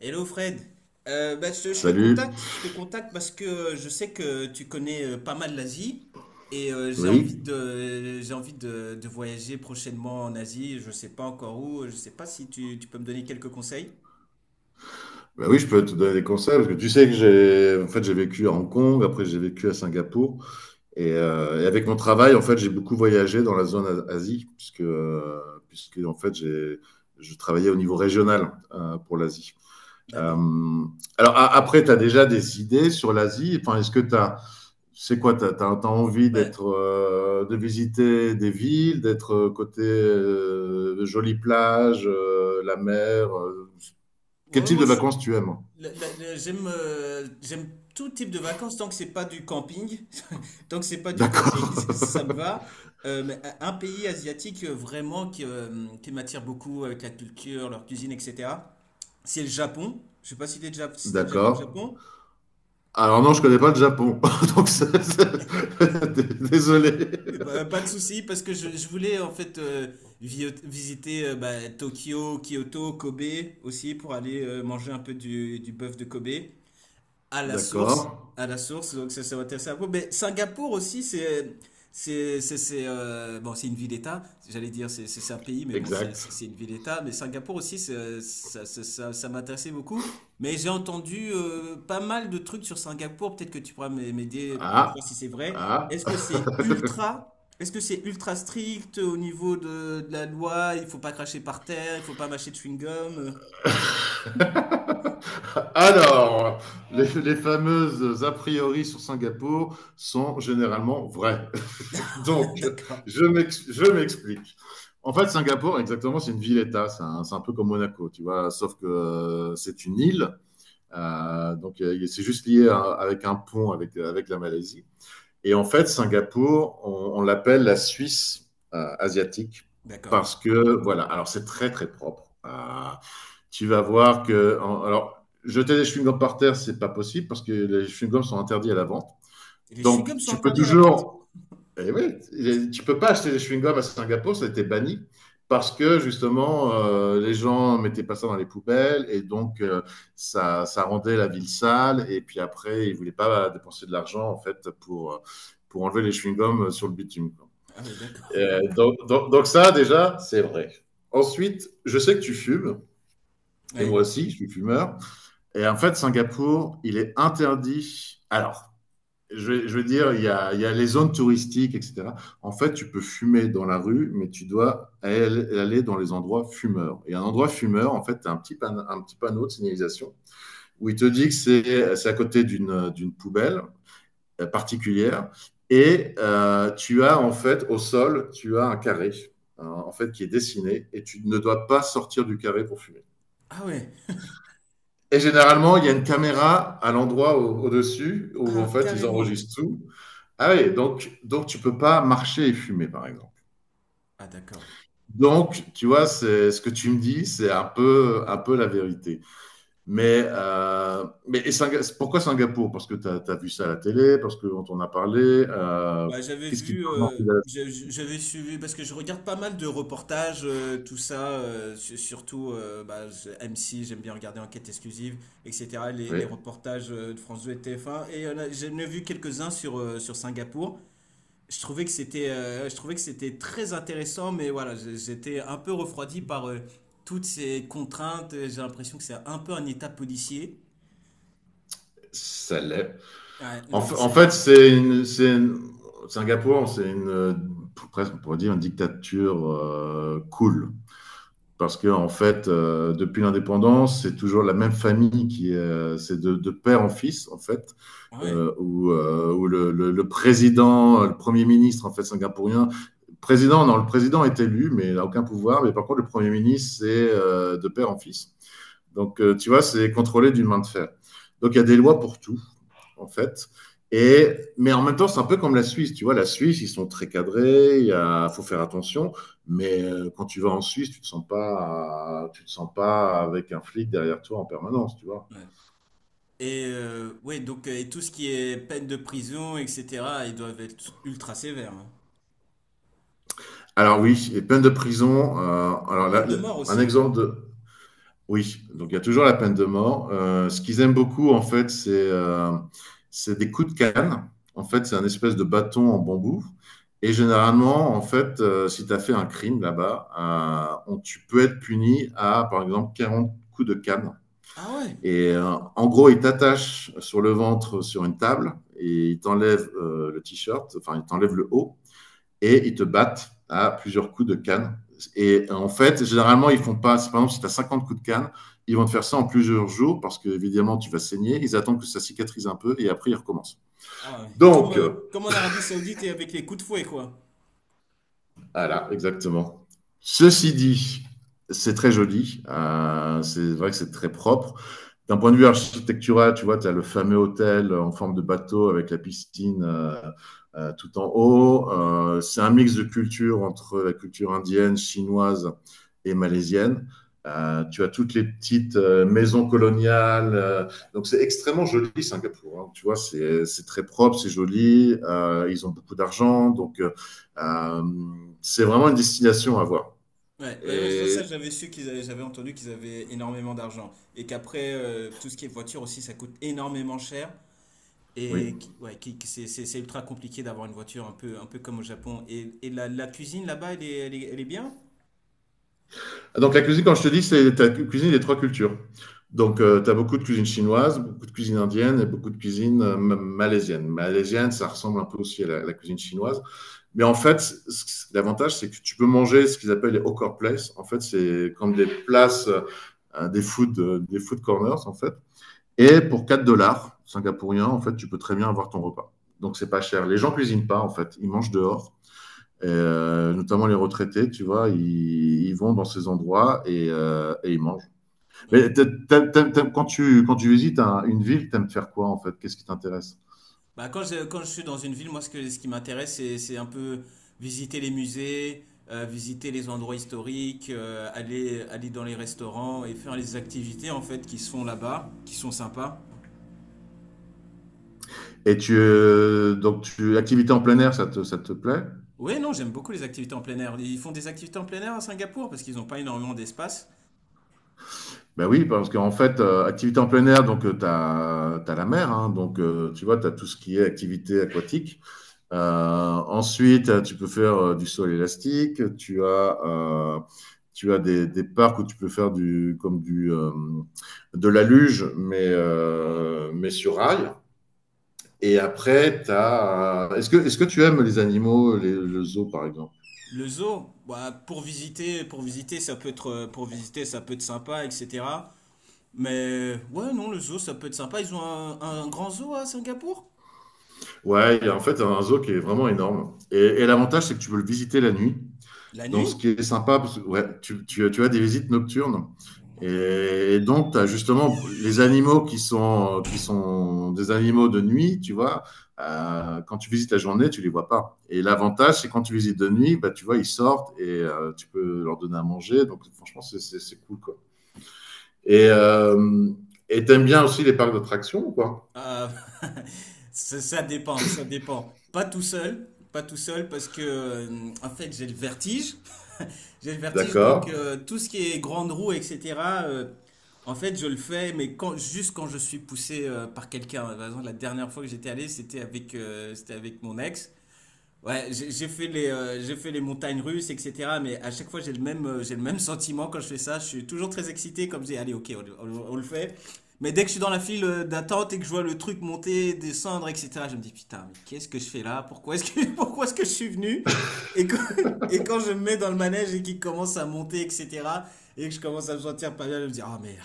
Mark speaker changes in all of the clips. Speaker 1: Hello Fred. Bah,
Speaker 2: Salut.
Speaker 1: je te contacte parce que je sais que tu connais pas mal l'Asie et j'ai envie
Speaker 2: Oui.
Speaker 1: de, j'ai envie de, de voyager prochainement en Asie. Je sais pas encore où, je sais pas si tu peux me donner quelques conseils.
Speaker 2: Bah oui, je peux te donner des conseils parce que tu sais que j'ai en fait j'ai vécu à Hong Kong, après j'ai vécu à Singapour et avec mon travail en fait j'ai beaucoup voyagé dans la zone Asie puisque en fait j'ai je travaillais au niveau régional pour l'Asie. Euh,
Speaker 1: D'accord.
Speaker 2: alors après tu as déjà des idées sur l'Asie, enfin est-ce que tu as, c'est quoi, t'as envie
Speaker 1: Bah,
Speaker 2: d'être, de visiter des villes, d'être côté de jolies plages, la mer, quel
Speaker 1: ouais,
Speaker 2: type
Speaker 1: moi
Speaker 2: de
Speaker 1: je suis,
Speaker 2: vacances tu aimes?
Speaker 1: la- la- la- j'aime, j'aime tout type de vacances tant que c'est pas du camping, tant que c'est pas du camping,
Speaker 2: D'accord.
Speaker 1: ça me va. Mais un pays asiatique vraiment qui m'attire beaucoup avec la culture, leur cuisine, etc. C'est le Japon. Je sais pas si t'es déjà, si t'as déjà fait le
Speaker 2: D'accord.
Speaker 1: Japon.
Speaker 2: Alors non, je connais pas le Japon. Donc désolé.
Speaker 1: Mais bah, pas de souci, parce que je voulais en fait visiter bah, Tokyo, Kyoto, Kobe aussi pour aller manger un peu du bœuf de Kobe. À la source,
Speaker 2: D'accord.
Speaker 1: à la source, donc ça va intéresser un peu. Mais Singapour aussi, bon, c'est une ville d'État. J'allais dire, c'est un pays, mais bon, c'est,
Speaker 2: Exact.
Speaker 1: c'est c'est une ville d'État. Mais Singapour aussi, ça m'intéressait beaucoup. Mais j'ai entendu pas mal de trucs sur Singapour. Peut-être que tu pourras m'aider pour
Speaker 2: Ah.
Speaker 1: voir si c'est vrai.
Speaker 2: Ah.
Speaker 1: Est-ce que c'est ultra strict au niveau de la loi? Il faut pas cracher par terre, il faut pas mâcher de chewing-gum.
Speaker 2: Alors, les fameuses a priori sur Singapour sont généralement vraies. Donc,
Speaker 1: D'accord,
Speaker 2: je m'explique. En fait, Singapour, exactement, c'est une ville-État. C'est un peu comme Monaco, tu vois, sauf que c'est une île. C'est juste lié avec un pont avec, avec la Malaisie. Et en fait, Singapour, on l'appelle la Suisse asiatique
Speaker 1: d'accord.
Speaker 2: parce que, voilà, alors c'est très propre. Tu vas voir que, alors, jeter des chewing-gums par terre, c'est pas possible parce que les chewing-gums sont interdits à la vente.
Speaker 1: Les
Speaker 2: Donc,
Speaker 1: chewing-gums sont
Speaker 2: tu peux
Speaker 1: interdits à la vente.
Speaker 2: toujours et oui, tu peux pas acheter des chewing-gums à Singapour, ça a été banni parce que justement les gens mettaient pas ça dans les poubelles et donc ça rendait la ville sale et puis après ils voulaient pas dépenser de l'argent en fait pour enlever les chewing-gums sur le bitume, quoi.
Speaker 1: Ah oui, d'accord.
Speaker 2: Donc ça déjà c'est vrai. Ensuite, je sais que tu fumes et
Speaker 1: Ouais.
Speaker 2: moi aussi je suis fumeur et en fait Singapour il est interdit. Alors je veux dire, il y a les zones touristiques, etc. En fait, tu peux fumer dans la rue, mais tu dois aller dans les endroits fumeurs. Et un endroit fumeur, en fait, tu as un un petit panneau de signalisation où il te dit que c'est à côté d'une poubelle particulière. Et tu as, en fait, au sol, tu as un carré, en fait, qui est dessiné, et tu ne dois pas sortir du carré pour fumer.
Speaker 1: Ah ouais.
Speaker 2: Et généralement, il y a une caméra à l'endroit au-dessus où en
Speaker 1: Ah,
Speaker 2: fait ils
Speaker 1: carrément.
Speaker 2: enregistrent tout. Ah oui, donc, tu peux pas marcher et fumer, par exemple.
Speaker 1: Ah d'accord.
Speaker 2: Donc, tu vois, c'est ce que tu me dis, c'est un peu la vérité. Mais et pourquoi Singapour? Parce que tu as vu ça à la télé, parce qu'on t'en a parlé. euh,
Speaker 1: Bah, j'avais
Speaker 2: Qu'est-ce qui te
Speaker 1: vu,
Speaker 2: donne envie d'aller?
Speaker 1: j'avais suivi, parce que je regarde pas mal de reportages, surtout M6, j'aime bien regarder Enquête exclusive, etc. Les
Speaker 2: Oui,
Speaker 1: reportages de France 2 et TF1. Et là, j'en ai vu quelques-uns sur Singapour. Je trouvais que c'était très intéressant, mais voilà, j'étais un peu refroidi par toutes ces contraintes. J'ai l'impression que c'est un peu un état policier.
Speaker 2: ça l'est.
Speaker 1: Ouais,
Speaker 2: En,
Speaker 1: donc
Speaker 2: fa- en
Speaker 1: c'est.
Speaker 2: fait, c'est une- Singapour, c'est une, presque, on pourrait dire, une dictature cool, parce que en fait, depuis l'indépendance, c'est toujours la même famille qui est, c'est de père en fils en fait,
Speaker 1: Ouais.
Speaker 2: où le président, le premier ministre en fait singapourien, président non, le président est élu mais il n'a aucun pouvoir, mais par contre le premier ministre c'est de père en fils. Donc tu vois, c'est contrôlé d'une main de fer. Donc il y a des lois pour tout en fait. Et, mais en même temps, c'est un peu comme la Suisse. Tu vois, la Suisse, ils sont très cadrés, faut faire attention. Mais quand tu vas en Suisse, tu te sens pas avec un flic derrière toi en permanence, tu vois.
Speaker 1: Ouais. Et ouais, donc et tout ce qui est peine de prison, etc., ils doivent être ultra sévères, hein.
Speaker 2: Alors oui, les peines de prison.
Speaker 1: La
Speaker 2: Alors
Speaker 1: peine
Speaker 2: là,
Speaker 1: de mort
Speaker 2: un
Speaker 1: aussi là-bas.
Speaker 2: exemple de, Oui, donc il y a toujours la peine de mort. Ce qu'ils aiment beaucoup, en fait, c'est des coups de canne. En fait, c'est un espèce de bâton en bambou. Et généralement, en fait, si tu as fait un crime là-bas, tu peux être puni à, par exemple, 40 coups de canne.
Speaker 1: Ah ouais.
Speaker 2: Et en gros, ils t'attachent sur le ventre sur une table et ils t'enlèvent le t-shirt, enfin, ils t'enlèvent le haut et ils te battent à plusieurs coups de canne. Et en fait, généralement, ils font pas, par exemple, si tu as 50 coups de canne, ils vont te faire ça en plusieurs jours parce que, évidemment, tu vas saigner. Ils attendent que ça cicatrise un peu et après, ils recommencent.
Speaker 1: Ah ouais. Comme,
Speaker 2: Donc, euh,
Speaker 1: comme en Arabie Saoudite et avec les coups de fouet, quoi.
Speaker 2: voilà, exactement. Ceci dit, c'est très joli. C'est vrai que c'est très propre, d'un point de vue architectural, tu vois, tu as le fameux hôtel en forme de bateau avec la piscine tout en haut.
Speaker 1: Ouais,
Speaker 2: C'est un mix de cultures entre la culture indienne, chinoise et malaisienne. Tu as toutes les petites maisons coloniales. Donc, c'est extrêmement joli, Singapour. Hein, tu vois, c'est très propre, c'est joli. Ils ont beaucoup d'argent. Euh, c'est vraiment une destination à voir.
Speaker 1: ouais, ouais, ouais, ça
Speaker 2: Et
Speaker 1: j'avais su qu'ils avaient, j'avais entendu qu'ils avaient énormément d'argent. Et qu'après, tout ce qui est voiture aussi, ça coûte énormément cher.
Speaker 2: oui.
Speaker 1: Et ouais, c'est ultra compliqué d'avoir une voiture un peu comme au Japon. Et la cuisine là-bas, elle est bien?
Speaker 2: Donc, la cuisine, quand je te dis, c'est la cuisine des trois cultures. Donc, tu as beaucoup de cuisine chinoise, beaucoup de cuisine indienne et beaucoup de cuisine malaisienne. Malaisienne, ça ressemble un peu aussi à la cuisine chinoise. Mais en fait, l'avantage, c'est que tu peux manger ce qu'ils appellent les hawker places. En fait, c'est comme des places, des food corners, en fait. Et pour 4 dollars singapouriens, en fait, tu peux très bien avoir ton repas. Donc, c'est pas cher. Les gens cuisinent pas, en fait. Ils mangent dehors. Et, notamment les retraités, tu vois, ils vont dans ces endroits et ils mangent.
Speaker 1: Ouais.
Speaker 2: Mais quand tu visites une ville, t'aimes faire quoi en fait? Qu'est-ce qui t'intéresse?
Speaker 1: Bah quand quand je suis dans une ville, moi ce que, ce qui m'intéresse, c'est un peu visiter les musées, visiter les endroits historiques, aller dans les restaurants et faire les activités en fait qui se font là-bas, qui sont sympas.
Speaker 2: Et activité en plein air, ça ça te plaît?
Speaker 1: Ouais, non, j'aime beaucoup les activités en plein air. Ils font des activités en plein air à Singapour parce qu'ils n'ont pas énormément d'espace.
Speaker 2: Ben oui, parce qu'en fait, activité en plein air, donc tu as la mer, hein, donc tu vois, tu as tout ce qui est activité aquatique. Ensuite, tu peux faire du sol élastique. Tu as des parcs où tu peux faire de la luge, mais sur rail. Et
Speaker 1: D'accord.
Speaker 2: après, est-ce que, est-ce que tu aimes les animaux, le zoo par exemple?
Speaker 1: Le zoo, bah, pour visiter, ça peut pour visiter, ça peut être sympa, etc. Mais ouais, non, le zoo, ça peut être sympa. Ils ont un grand zoo à Singapour?
Speaker 2: Ouais, il y a en fait un zoo qui est vraiment énorme. Et l'avantage, c'est que tu peux le visiter la nuit.
Speaker 1: La
Speaker 2: Donc,
Speaker 1: nuit?
Speaker 2: ce qui est sympa, parce que, ouais, tu as des visites nocturnes. Et donc, tu as justement les animaux qui sont des animaux de nuit, tu vois. Quand tu visites la journée, tu les vois pas. Et l'avantage, c'est quand tu visites de nuit, bah, tu vois, ils sortent et tu peux leur donner à manger. Donc, franchement, c'est cool, quoi. Et euh, et t'aimes bien aussi les parcs d'attractions, quoi?
Speaker 1: Ah, ça dépend, ça dépend. Pas tout seul, pas tout seul parce que en fait j'ai le vertige donc
Speaker 2: D'accord.
Speaker 1: tout ce qui est grande roue etc. euh, En fait je le fais mais quand juste quand je suis poussé par quelqu'un. Par exemple, la dernière fois que j'étais allé c'était avec mon ex. Ouais, j'ai fait j'ai fait les montagnes russes, etc. Mais à chaque fois, j'ai le même sentiment quand je fais ça. Je suis toujours très excité, comme je dis, allez, ok, on le fait. Mais dès que je suis dans la file d'attente et que je vois le truc monter, descendre, etc., je me dis, putain, mais qu'est-ce que je fais là? Pourquoi est-ce que je suis venu? Et quand, et quand je me mets dans le manège et qu'il commence à monter, etc., et que je commence à me sentir pas bien, je me dis, ah merde,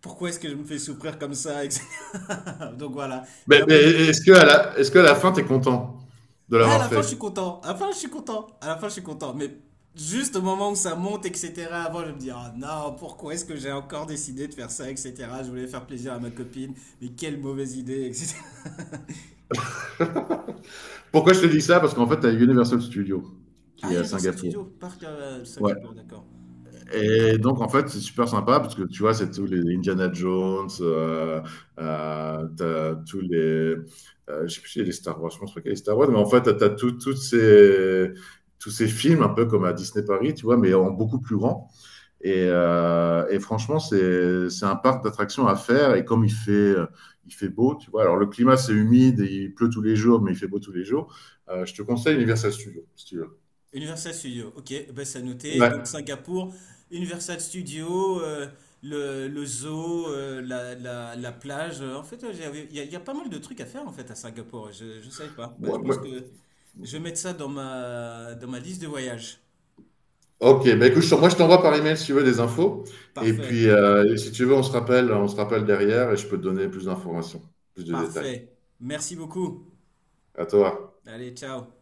Speaker 1: pourquoi est-ce que je me fais souffrir comme ça, etc. Donc voilà, j'ai un peu,
Speaker 2: Est-ce que à la fin, tu es content de
Speaker 1: ouais, à
Speaker 2: l'avoir
Speaker 1: la fin, je suis
Speaker 2: fait?
Speaker 1: content. À la fin, je suis content. À la fin, je suis content. Mais juste au moment où ça monte, etc., avant, je me dis, ah non, pourquoi est-ce que j'ai encore décidé de faire ça, etc. Je voulais faire plaisir à ma copine, mais quelle mauvaise idée, etc.
Speaker 2: Pourquoi je te dis ça? Parce qu'en fait, tu as Universal Studios qui
Speaker 1: Ah,
Speaker 2: est à
Speaker 1: Universal
Speaker 2: Singapour.
Speaker 1: Studios, parc à
Speaker 2: Ouais.
Speaker 1: Singapour, d'accord.
Speaker 2: Et donc, en fait, c'est super sympa parce que tu vois, c'est tous les Indiana Jones, t'as tous les. Je sais plus si c'est les Star Wars, je pense pas qu'il y a les Star Wars, mais en fait, toutes ces, tous ces films, un peu comme à Disney Paris, tu vois, mais en beaucoup plus grand. Et franchement, c'est un parc d'attractions à faire. Et comme il fait beau, tu vois, alors le climat c'est humide, et il pleut tous les jours, mais il fait beau tous les jours, je te conseille Universal Studios, si tu veux.
Speaker 1: Universal Studio, ok, ben c'est à noter.
Speaker 2: Ouais.
Speaker 1: Donc Singapour, Universal Studio, le zoo, la plage. En fait, ouais, il y a pas mal de trucs à faire en fait à Singapour. Je ne savais pas. Bah, je
Speaker 2: Ouais, ouais.
Speaker 1: pense que je vais mettre ça dans ma liste de voyage.
Speaker 2: Ok, bah écoute, moi je t'envoie par email si tu veux des infos. Et puis,
Speaker 1: Parfait,
Speaker 2: et si tu veux, on se rappelle derrière et je peux te donner plus d'informations, plus de détails.
Speaker 1: parfait. Merci beaucoup.
Speaker 2: À toi.
Speaker 1: Allez, ciao.